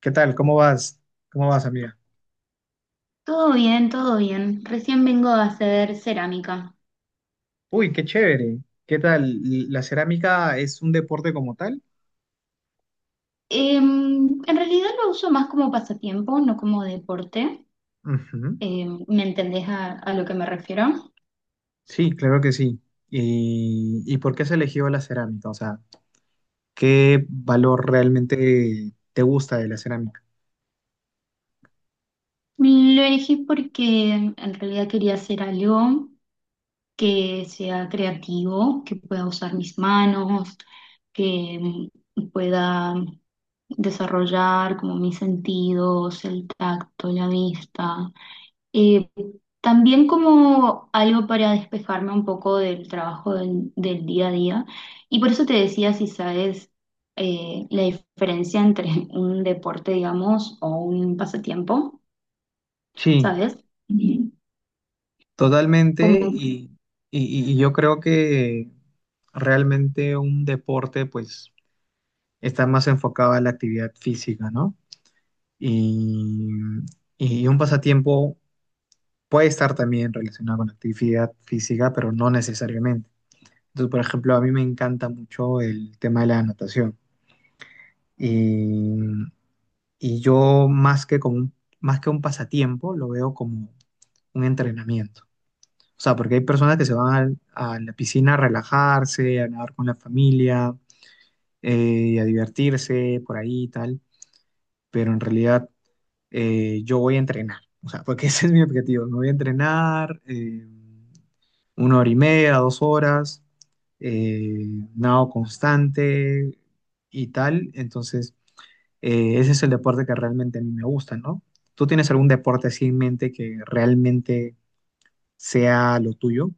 ¿Qué tal? ¿Cómo vas? ¿Cómo vas, amiga? Todo bien, todo bien. Recién vengo a hacer cerámica. Uy, qué chévere. ¿Qué tal? ¿La cerámica es un deporte como tal? En realidad lo uso más como pasatiempo, no como deporte. Ujú. ¿Me entendés a lo que me refiero? Sí, claro que sí. ¿Y por qué has elegido la cerámica? O sea, ¿qué valor realmente te gusta de la cerámica? Lo elegí porque en realidad quería hacer algo que sea creativo, que pueda usar mis manos, que pueda desarrollar como mis sentidos, el tacto, la vista. Eh, También como algo para despejarme un poco del trabajo del día a día. Y por eso te decía si sabes la diferencia entre un deporte, digamos, o un pasatiempo, Sí, ¿sabes? Ujú. Como, totalmente. Y yo creo que realmente un deporte, pues, está más enfocado a la actividad física, ¿no? Y, y un pasatiempo. Puede estar también relacionado con actividad física, pero no necesariamente. Entonces, por ejemplo, a mí me encanta mucho el tema de la natación. Y, y yo más que como más que un pasatiempo, lo veo como un entrenamiento. O sea, porque hay personas que se van a la piscina a relajarse, a nadar con la familia, a divertirse por ahí y tal, pero en realidad yo voy a entrenar. O sea, porque ese es mi objetivo. Me voy a entrenar una hora y media, dos horas, eh, nado constante y tal. Entonces, ese es el deporte que realmente a mí me gusta, ¿no? ¿Tú tienes algún deporte así en mente que realmente sea lo tuyo?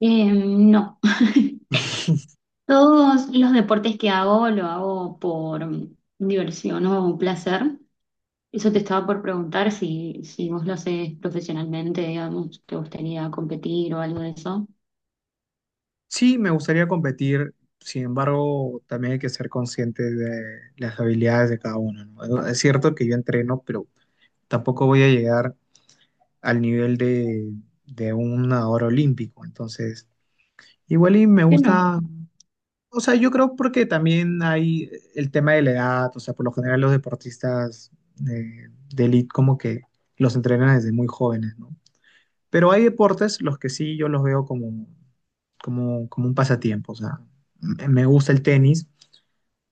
no. Todos los deportes que hago lo hago por diversión o placer. Eso te estaba por preguntar si vos lo haces profesionalmente, digamos, te gustaría competir o algo de eso. Sí, me gustaría competir. Sin embargo, también hay que ser consciente de las habilidades de cada uno, ¿no? Es cierto que yo entreno, pero tampoco voy a llegar al nivel de un nadador olímpico. Entonces, igual y me Que no. gusta, o sea, yo creo porque también hay el tema de la edad, o sea, por lo general los deportistas eh, de elite como que los entrenan desde muy jóvenes, ¿no? Pero hay deportes los que sí yo los veo como, como, como un pasatiempo, o sea, me gusta el tenis.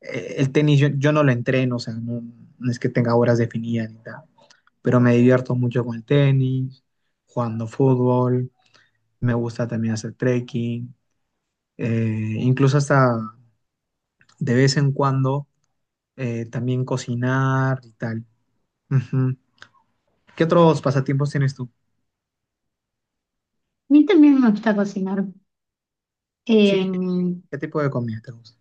El tenis yo no lo entreno, o sea, no, no es que tenga horas definidas ni nada, pero me divierto mucho con el tenis, jugando fútbol, me gusta también hacer trekking, incluso hasta de vez en cuando también cocinar y tal. Ujú. ¿Qué otros pasatiempos tienes tú? A mí también me gusta cocinar. Eh, Sí, ¿qué tipo de comida te gusta?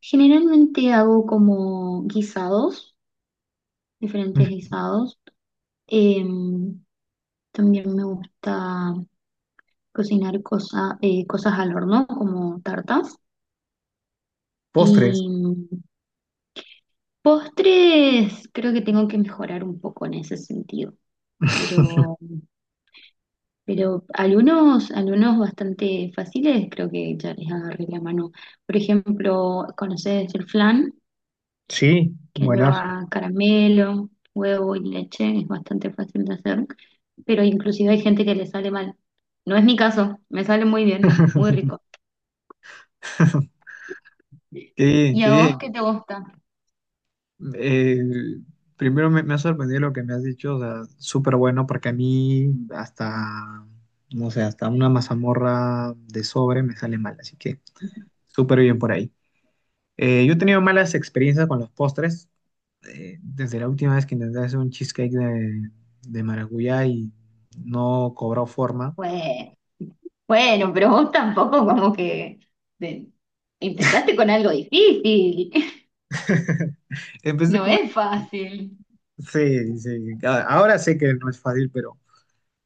Generalmente hago como guisados, diferentes Mm, guisados. Eh, También me gusta cosas al horno, como tartas. postres. Y postres, creo que tengo que mejorar un poco en ese sentido. Pero, pero algunos bastante fáciles, creo que ya les agarré la mano. Por ejemplo, ¿conoces el flan? Sí, Que buenas. lleva caramelo, huevo y leche, es bastante fácil de hacer, pero inclusive hay gente que le sale mal. No es mi caso, me sale muy bien, muy rico. Qué bien, ¿Y a vos qué qué te gusta? bien. Primero me ha sorprendido lo que me has dicho, o sea, súper bueno, porque a mí hasta, no sé, hasta una mazamorra de sobre me sale mal, así que súper bien por ahí. Yo he tenido malas experiencias con los postres. Desde la última vez que intenté hacer un cheesecake de maracuyá y no cobró forma. Pues, bueno, pero vos tampoco como que de- empezaste con algo difícil. Empecé No con... es fácil. Sí, sí. Ahora sé que no es fácil, pero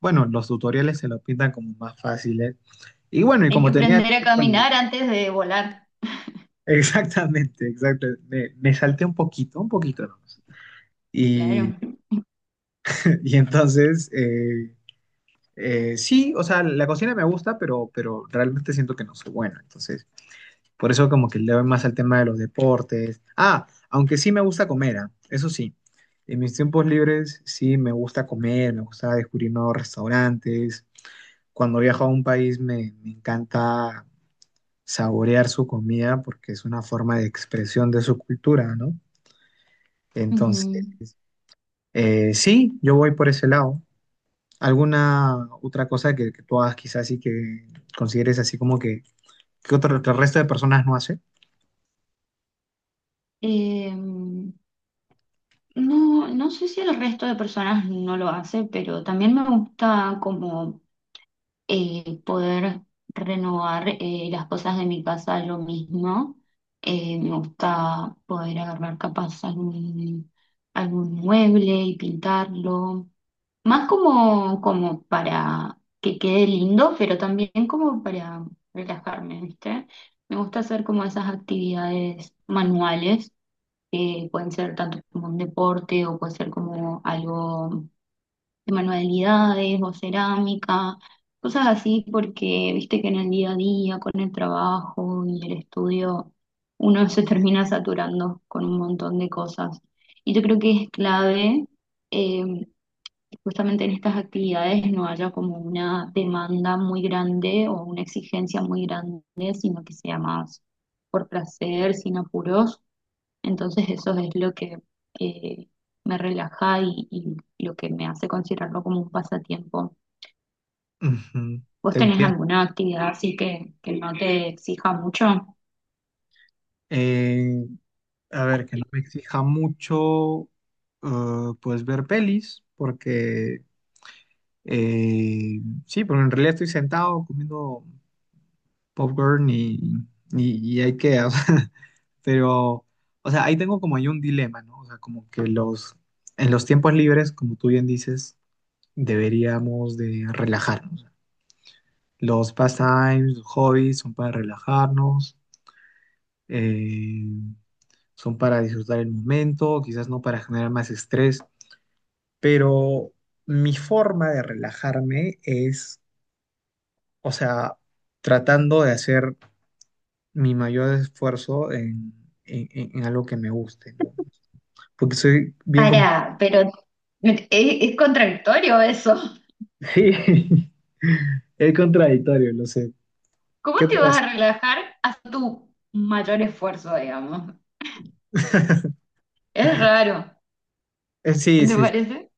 bueno, los tutoriales se lo pintan como más fáciles. Y bueno, y Hay que como tenía aprender a tiempo libre. caminar antes de volar, Exactamente, exacto. Me salté un poquito nomás. Y, claro. y entonces, sí, o sea, la cocina me gusta, pero realmente siento que no soy bueno. Entonces... Por eso como que le doy más al tema de los deportes. Ah, aunque sí me gusta comer, ah, eso sí. En mis tiempos libres sí me gusta comer, me gusta descubrir nuevos restaurantes. Cuando viajo a un país me encanta saborear su comida porque es una forma de expresión de su cultura, ¿no? Entonces, Ujú. Sí, yo voy por ese lado. ¿Alguna otra cosa que tú hagas quizás y que consideres así como que otro, que el resto de personas no hace? Eh, no, no sé si el resto de personas no lo hace, pero también me gusta como poder renovar las cosas de mi casa yo mismo. Me gusta poder agarrar capaz algún mueble y pintarlo, más como, como para que quede lindo, pero también como para relajarme, ¿viste? Me gusta hacer como esas actividades manuales, que pueden ser tanto como un deporte o puede ser como algo de manualidades o cerámica, cosas así, porque viste que en el día a día, con el trabajo y el estudio, uno se termina saturando con un montón de cosas. Y yo creo que es clave, eh, justamente en estas actividades, no haya como una demanda muy grande o una exigencia muy grande, sino que sea más por placer, sin apuros, entonces eso es lo que eh, me relaja, y, lo que me hace considerarlo como un pasatiempo. Ujú. ¿Vos Te tenés entiendo. alguna actividad así que no te exija mucho? Eh, a ver, que no me exija mucho, pues ver pelis, porque eh, sí, pero en realidad estoy sentado comiendo popcorn y, y IKEA, o sea, pero, o sea, ahí tengo como ahí un dilema, ¿no? O sea, como que en los tiempos libres, como tú bien dices, deberíamos de relajarnos. Los pastimes, los hobbies son para relajarnos. eh, Son para disfrutar el momento, quizás no para generar más estrés, pero mi forma de relajarme es, o sea, tratando de hacer mi mayor esfuerzo en algo que me guste, ¿no? Porque soy bien. Para, pero es contradictorio eso. Sí, es contradictorio, lo sé. ¿Cómo ¿Qué te puedo vas hacer? a relajar a tu mayor esfuerzo, digamos? Es raro, Sí, ¿no? ¿Te sí, sí. parece?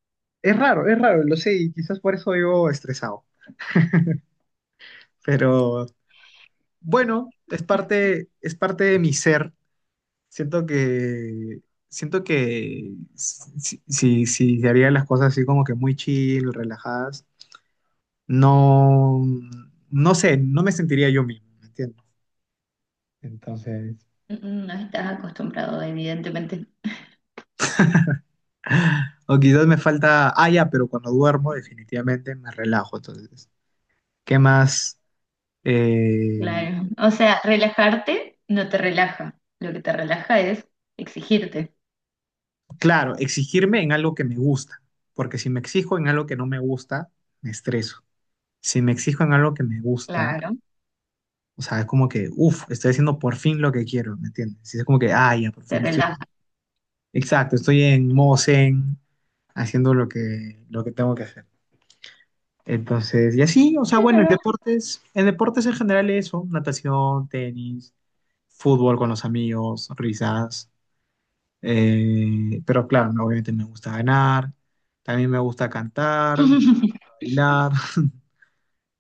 Es raro, lo sé, y quizás por eso vivo estresado, pero bueno, es parte de mi ser. Siento que, siento que si se harían las cosas así como que muy chill, relajadas, no, no sé, no me sentiría yo mismo, ¿me entiendes? Entonces, Mm, no estás acostumbrado, evidentemente. o quizás me falta, ah, ya, pero cuando duermo definitivamente me relajo, entonces, ¿qué más? Eh, Claro. O sea, relajarte no te relaja. Lo que te relaja es exigirte. claro, exigirme en algo que me gusta, porque si me exijo en algo que no me gusta, me estreso. Si me exijo en algo que me gusta, Claro. o sea, es como que, uff, estoy haciendo por fin lo que quiero, ¿me entiendes? Y es como que, ah, ya, por Te fin estoy, relaja. exacto, estoy en modo zen, haciendo lo que tengo que hacer. Entonces, y así, o sea, bueno, en Claro. deportes, en deportes en general eso, natación, tenis, fútbol con los amigos, risas, pero claro, no, obviamente me gusta ganar, también me gusta cantar, bailar,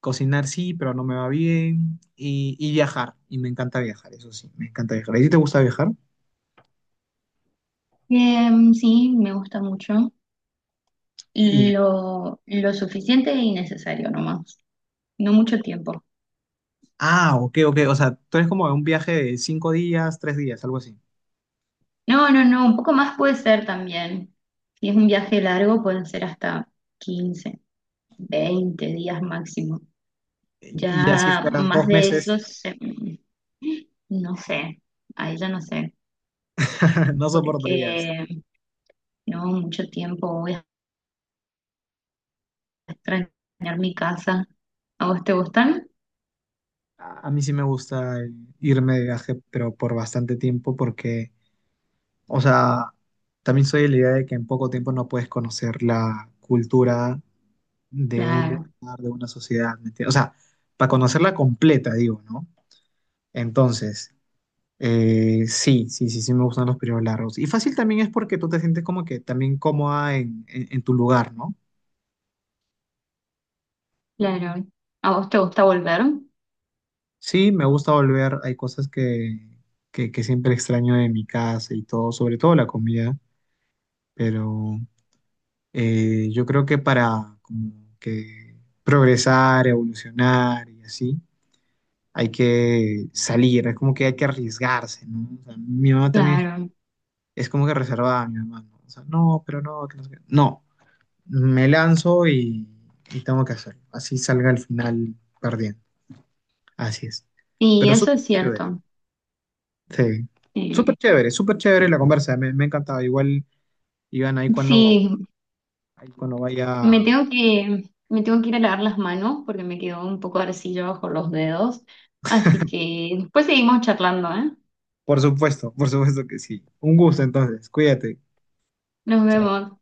cocinar sí, pero no me va bien, y viajar, y me encanta viajar, eso sí, me encanta viajar. ¿A ti te gusta viajar? Sí, me gusta mucho. Y, Lo suficiente y necesario nomás. No mucho tiempo. ah, ok, ok, o sea, tú eres como de un viaje de cinco días, tres días, algo así. No, no, no, un poco más puede ser también. Si es un viaje largo, pueden ser hasta 15 o 20 días máximo. Y así Ya fuera más dos de eso, meses, no sé, ahí ya no sé, no soportarías. porque no, mucho tiempo voy a extrañar mi casa. ¿A vos te gustan? A mí sí me gusta irme de viaje, pero por bastante tiempo, porque, o sea, también soy de la idea de que en poco tiempo no puedes conocer la cultura de un Claro. lugar, de una sociedad, ¿me entiendes? O sea, para conocerla completa, digo, ¿no? Entonces. Sí, sí, sí, sí me gustan los periodos largos. Y fácil también es porque tú te sientes como que también cómoda en tu lugar, ¿no? Claro, a vos te gusta volver, Sí, me gusta volver. Hay cosas que, que siempre extraño de mi casa y todo, sobre todo la comida, pero yo creo que para como que progresar, evolucionar y así, hay que salir, es como que hay que arriesgarse, ¿no? O sea, mi mamá también claro, es como que reservada, mi mamá, ¿no? O sea, no, pero no, que no sé qué. No. Me lanzo y tengo que hacerlo. Así salga al final perdiendo. Así es. y Pero eso súper es chévere. cierto. Sí. Eh, Súper chévere la conversa. Me ha encantado. Igual, Iván, ahí cuando, sí, ahí cuando vaya. Me tengo que ir a lavar las manos porque me quedó un poco de arcilla bajo los dedos, así que después seguimos charlando, ¿eh? Por supuesto que sí. Un gusto entonces. Cuídate. Nos Chao. vemos.